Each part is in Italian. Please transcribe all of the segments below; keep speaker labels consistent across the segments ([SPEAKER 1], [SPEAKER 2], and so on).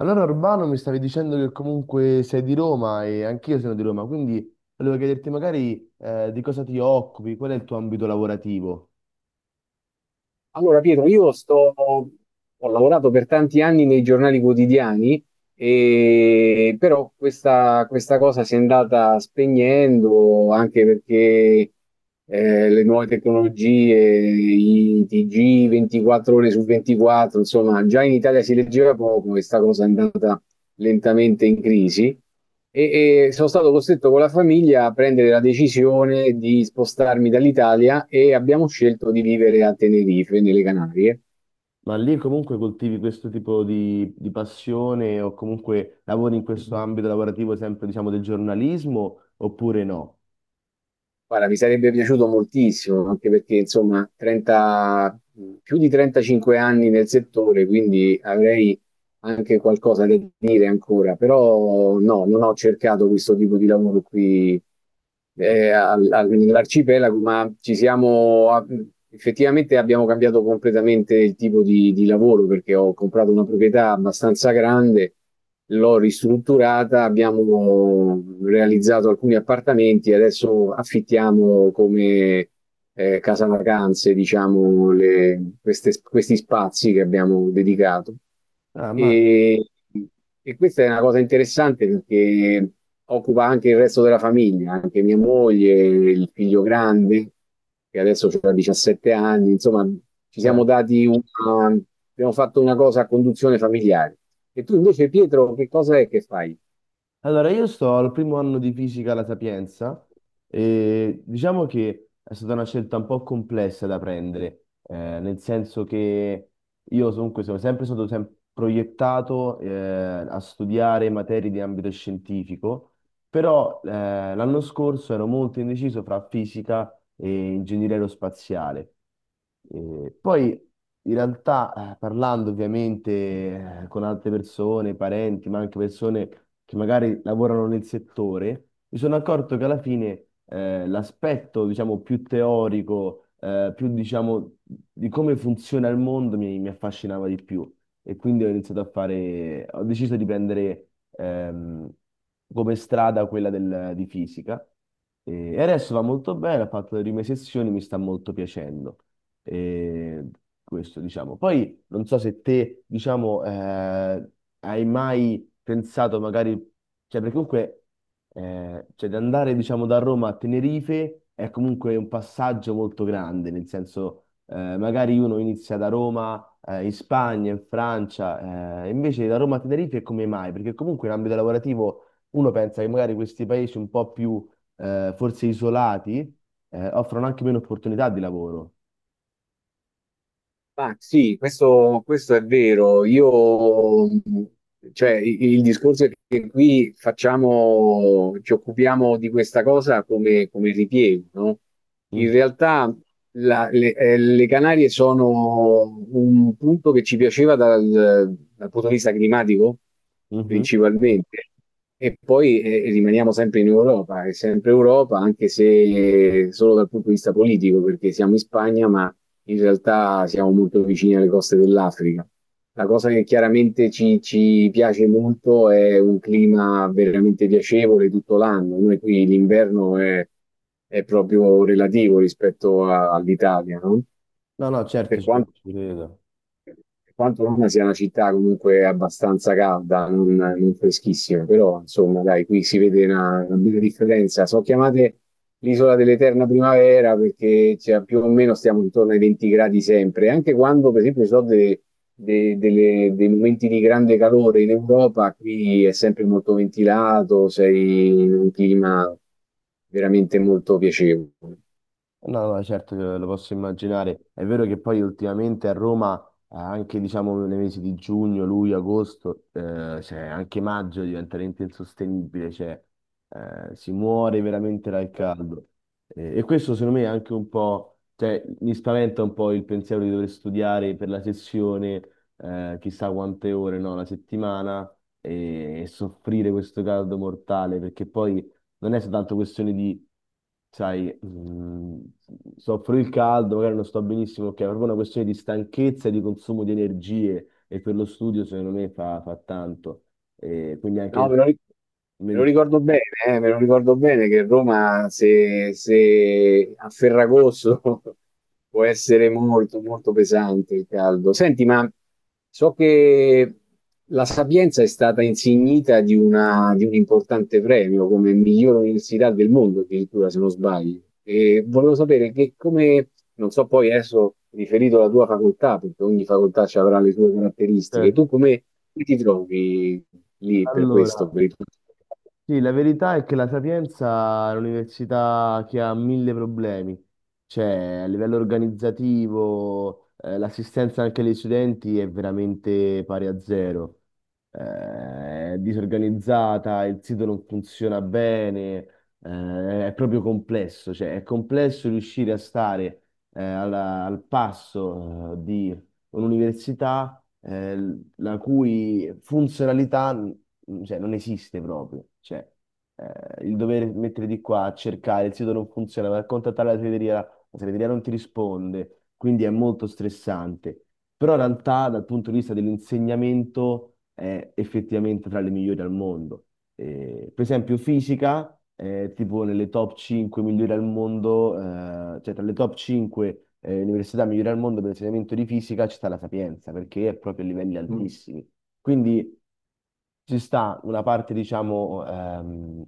[SPEAKER 1] Allora, Urbano, mi stavi dicendo che comunque sei di Roma e anch'io sono di Roma, quindi volevo chiederti magari di cosa ti occupi, qual è il tuo ambito lavorativo,
[SPEAKER 2] Allora, Pietro, ho lavorato per tanti anni nei giornali quotidiani, e, però questa cosa si è andata spegnendo anche perché le nuove tecnologie, i TG 24 ore su 24, insomma, già in Italia si leggeva poco e sta cosa è andata lentamente in crisi e sono stato costretto con la famiglia a prendere la decisione di spostarmi dall'Italia e abbiamo scelto di vivere a Tenerife, nelle Canarie.
[SPEAKER 1] ma lì comunque coltivi questo tipo di passione o comunque lavori in questo ambito lavorativo sempre, diciamo, del giornalismo oppure no?
[SPEAKER 2] Guarda, mi sarebbe piaciuto moltissimo, anche perché insomma, più di 35 anni nel settore, quindi avrei anche qualcosa da dire ancora, però no, non ho cercato questo tipo di lavoro qui nell'arcipelago, ma effettivamente abbiamo cambiato completamente il tipo di lavoro perché ho comprato una proprietà abbastanza grande l'ho ristrutturata, abbiamo realizzato alcuni appartamenti e adesso affittiamo come casa vacanze, diciamo, questi spazi che abbiamo dedicato.
[SPEAKER 1] Ah, ma,
[SPEAKER 2] E, e questa è una cosa interessante perché occupa anche il resto della famiglia, anche mia moglie, il figlio grande che adesso ha 17 anni, insomma, ci
[SPEAKER 1] cioè.
[SPEAKER 2] siamo dati una, abbiamo fatto una cosa a conduzione familiare. E tu invece, Pietro, che cosa è che fai?
[SPEAKER 1] Allora, io sto al primo anno di fisica alla Sapienza e diciamo che è stata una scelta un po' complessa da prendere, nel senso che io comunque sono sempre stato proiettato a studiare materie di ambito scientifico, però l'anno scorso ero molto indeciso fra fisica e ingegneria aerospaziale. Poi in realtà, parlando ovviamente con altre persone, parenti, ma anche persone che magari lavorano nel settore, mi sono accorto che alla fine l'aspetto, diciamo, più teorico, più, diciamo, di come funziona il mondo mi affascinava di più. E quindi ho iniziato a fare, ho deciso di prendere ehm, come strada di fisica. E adesso va molto bene, ho fatto le prime sessioni, mi sta molto piacendo. E questo, diciamo. Poi non so se te, diciamo, hai mai pensato magari, cioè perché comunque, cioè di andare, diciamo, da Roma a Tenerife è comunque un passaggio molto grande, nel senso, magari uno inizia da Roma, in Spagna, in Francia, invece da Roma a Tenerife come mai? Perché comunque in ambito lavorativo uno pensa che magari questi paesi un po' più, forse isolati, offrono anche meno opportunità di lavoro.
[SPEAKER 2] Ma sì, questo è vero. Io, cioè, il discorso è che qui facciamo, ci occupiamo di questa cosa come, come ripiego, no? In realtà le Canarie sono un punto che ci piaceva dal punto di vista climatico,
[SPEAKER 1] Mhm.
[SPEAKER 2] principalmente. E poi rimaniamo sempre in Europa, è sempre Europa, anche se solo dal punto di vista politico, perché siamo in Spagna, ma in realtà siamo molto vicini alle coste dell'Africa. La cosa che chiaramente ci piace molto è un clima veramente piacevole tutto l'anno. Noi qui è proprio relativo rispetto all'Italia, no?
[SPEAKER 1] No, no,
[SPEAKER 2] Per quanto,
[SPEAKER 1] ci credo.
[SPEAKER 2] per quanto Roma sia una città comunque abbastanza calda, non freschissima, però insomma, dai, qui si vede una bella differenza. Sono chiamate l'isola dell'eterna primavera perché cioè, più o meno stiamo intorno ai 20 gradi sempre, anche quando per esempio ci sono dei momenti di grande calore in Europa, qui è sempre molto ventilato, sei in un clima veramente molto piacevole.
[SPEAKER 1] No, no, certo che lo posso immaginare. È vero che poi ultimamente a Roma, anche diciamo nei mesi di giugno, luglio, agosto, cioè anche maggio diventa veramente insostenibile, cioè si muore veramente dal caldo. E questo secondo me è anche un po', cioè mi spaventa un po' il pensiero di dover studiare per la sessione, chissà quante ore, no, la settimana e soffrire questo caldo mortale, perché poi non è soltanto questione di, sai, soffro il caldo, magari non sto benissimo, ok, è proprio una questione di stanchezza e di consumo di energie e per lo studio secondo me fa tanto. E quindi
[SPEAKER 2] No,
[SPEAKER 1] anche...
[SPEAKER 2] me lo, ric- Me lo
[SPEAKER 1] men-
[SPEAKER 2] ricordo bene, me lo ricordo bene che Roma, se a Ferragosto, può essere molto pesante il caldo. Senti, ma so che la Sapienza è stata insignita di di un importante premio come miglior università del mondo, addirittura, se non sbaglio. E volevo sapere che come, non so poi adesso riferito alla tua facoltà, perché ogni facoltà ci avrà le sue caratteristiche,
[SPEAKER 1] certo.
[SPEAKER 2] tu come ti trovi lì per questo?
[SPEAKER 1] Allora, sì, la verità è che la Sapienza è un'università che ha mille problemi, cioè a livello organizzativo, l'assistenza anche agli studenti è veramente pari a zero. È disorganizzata, il sito non funziona bene, è proprio complesso, cioè è complesso riuscire a stare al passo di un'università la cui funzionalità non esiste proprio. Cioè, il dover mettere di qua a cercare, il sito non funziona, va a contattare la segreteria non ti risponde, quindi è molto stressante. Però in realtà dal punto di vista dell'insegnamento è effettivamente tra le migliori al mondo. Per esempio fisica, tipo nelle top 5 migliori al mondo, cioè tra le top 5 università migliori al mondo per l'insegnamento di fisica c'è sta la Sapienza, perché è proprio a livelli Mm. altissimi. Quindi ci sta una parte, diciamo,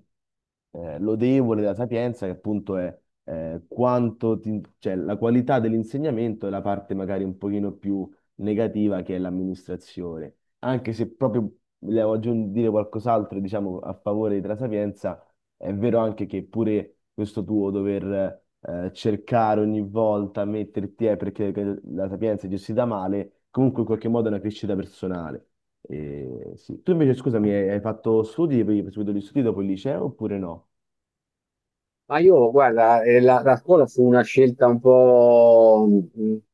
[SPEAKER 1] lodevole della Sapienza, che appunto è quanto cioè, la qualità dell'insegnamento e la parte magari un pochino più negativa che è l'amministrazione. Anche se proprio volevo aggiungere dire qualcos'altro, diciamo, a favore della Sapienza, è vero anche che pure questo tuo dover cercare ogni volta, metterti, perché la Sapienza è gestita male, comunque in qualche modo è una crescita personale. Sì. Tu invece, scusami, hai fatto studi, hai proseguito gli studi dopo il liceo oppure no?
[SPEAKER 2] Ma io, guarda, la scuola fu una scelta un po', mm,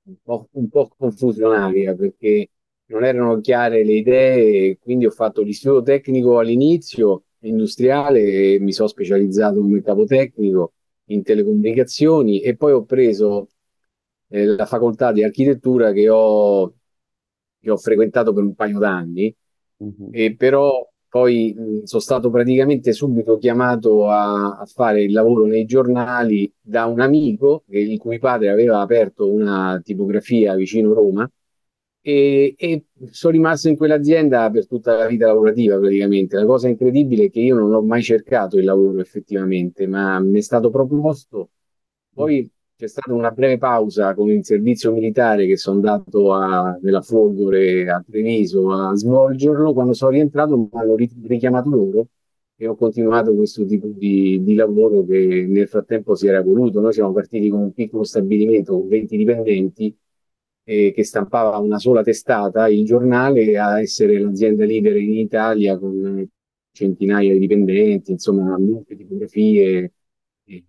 [SPEAKER 2] un po', un po' confusionaria perché non erano chiare le idee, e quindi ho fatto l'istituto tecnico all'inizio, industriale, e mi sono specializzato come capotecnico in telecomunicazioni e poi ho preso la facoltà di architettura che ho frequentato per un paio d'anni, e però poi sono stato praticamente subito chiamato a fare il lavoro nei giornali da un amico il cui padre aveva aperto una tipografia vicino Roma e sono rimasto in quell'azienda per tutta la vita lavorativa praticamente. La cosa incredibile è che io non ho mai cercato il lavoro effettivamente, ma mi è stato proposto.
[SPEAKER 1] Mhm.
[SPEAKER 2] Poi c'è stata una breve pausa con il servizio militare che sono andato nella Folgore a Treviso a svolgerlo. Quando sono rientrato mi hanno richiamato loro e ho continuato questo tipo di lavoro che nel frattempo si era evoluto. Noi siamo partiti con un piccolo stabilimento con 20 dipendenti che stampava una sola testata, il giornale, a essere l'azienda leader in Italia con centinaia di dipendenti, insomma, molte tipografie. eh,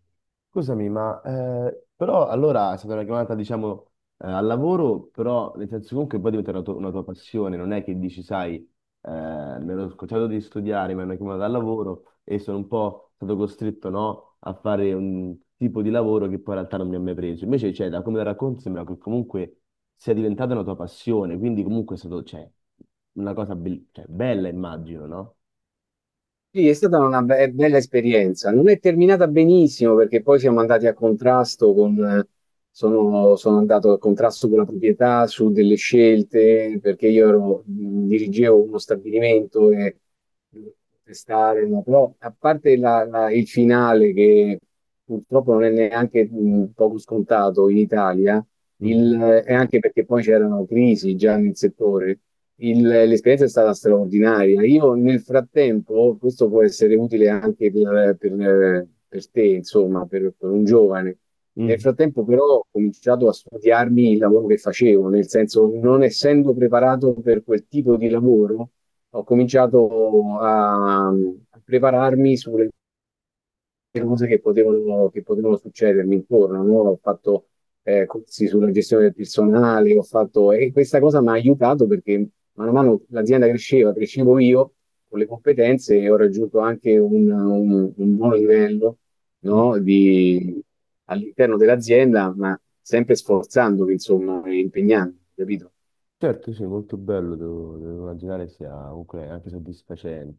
[SPEAKER 1] Scusami, ma però allora è stata una chiamata, diciamo, al lavoro, però nel senso comunque poi diventa tua una tua passione, non è che dici, sai, mi ero scocciato di studiare, mi hanno chiamato al lavoro e sono un po' stato costretto, no, a fare un tipo di lavoro che poi in realtà non mi ha mai preso. Invece, cioè, da come la racconti sembra che comunque sia diventata una tua passione, quindi comunque è stato, cioè, una cosa cioè, bella, immagino, no?
[SPEAKER 2] Sì, è stata una be bella esperienza. Non è terminata benissimo perché poi siamo andati a contrasto con, sono andato a contrasto con la proprietà su delle scelte perché io ero, dirigevo uno stabilimento e testare, no? Però a parte il finale che purtroppo non è neanche poco scontato in Italia,
[SPEAKER 1] Mhm,
[SPEAKER 2] il- è anche perché poi c'erano crisi già nel settore l'esperienza è stata straordinaria. Io nel frattempo, questo può essere utile anche per te, insomma, per un giovane. Nel
[SPEAKER 1] mhm,
[SPEAKER 2] frattempo però ho cominciato a studiarmi il lavoro che facevo, nel senso non essendo preparato per quel tipo di lavoro, ho cominciato a prepararmi sulle cose che potevano succedermi intorno, no? Ho fatto corsi sulla gestione del personale, ho fatto, e questa cosa mi ha aiutato perché mano a mano l'azienda cresceva, crescevo io con le competenze e ho raggiunto anche un buon livello,
[SPEAKER 1] mhm.
[SPEAKER 2] no? All'interno dell'azienda, ma sempre sforzandomi, insomma, e impegnando, capito?
[SPEAKER 1] Certo, sì, molto bello, devo immaginare sia comunque anche soddisfacente.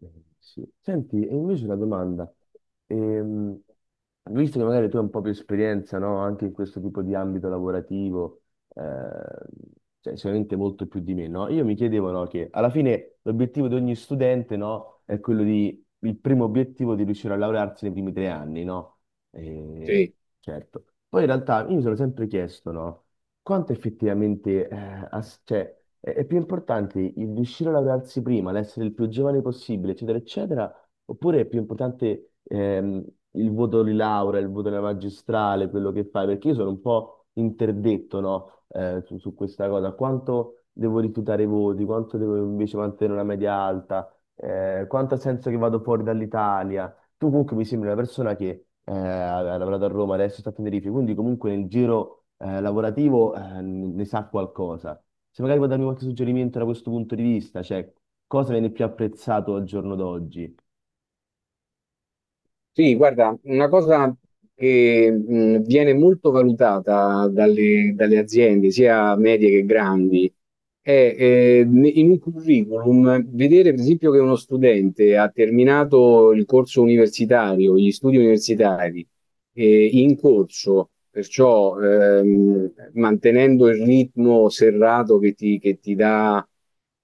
[SPEAKER 1] Eh, sì. Senti, e invece una domanda, Ehm, visto che magari tu hai un po' più esperienza, no, anche in questo tipo di ambito lavorativo, ehm, cioè sicuramente molto più di me, no? Io mi chiedevo, no, che alla fine l'obiettivo di ogni studente, no, è quello di, il primo obiettivo di riuscire a laurearsi nei primi 3 anni, no? Eh,
[SPEAKER 2] Sì.
[SPEAKER 1] certo. Poi in realtà io mi sono sempre chiesto, no? Quanto effettivamente cioè, è più importante il riuscire a laurearsi prima, l'essere il più giovane possibile, eccetera, eccetera, oppure è più importante il voto di laurea, il voto della magistrale, quello che fai? Perché io sono un po' interdetto, no, su questa cosa. Quanto devo rifiutare i voti, quanto devo invece mantenere una media alta, quanto ha senso che vado fuori dall'Italia? Tu comunque mi sembri una persona che ha lavorato a Roma, adesso sta a Tenerife, quindi comunque nel giro lavorativo ne sa qualcosa. Se magari puoi darmi qualche suggerimento da questo punto di vista, cioè cosa viene più apprezzato al giorno d'oggi?
[SPEAKER 2] Sì, guarda, una cosa che viene molto valutata dalle aziende, sia medie che grandi, è in un curriculum vedere, per esempio, che uno studente ha terminato il corso universitario, gli studi universitari, in corso, perciò mantenendo il ritmo serrato che ti dà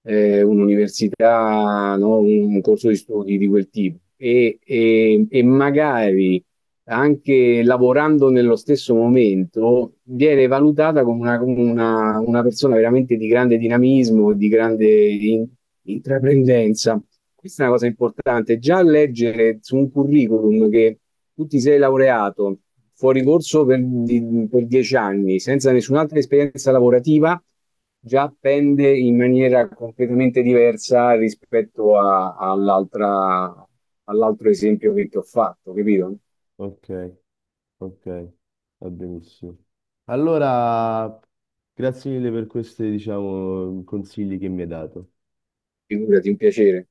[SPEAKER 2] un'università, no? Un corso di studi di quel tipo e, e magari anche lavorando nello stesso momento viene valutata come una persona veramente di grande dinamismo, di grande intraprendenza. Questa è una cosa importante. Già leggere su un curriculum che tu ti sei laureato fuori corso per 10 anni senza nessun'altra esperienza lavorativa, già pende in maniera completamente diversa rispetto all'altro esempio che ti ho fatto, capito?
[SPEAKER 1] Ok, ok, va benissimo. Allora, grazie mille per questi, diciamo, consigli che mi hai dato.
[SPEAKER 2] Figurati un piacere.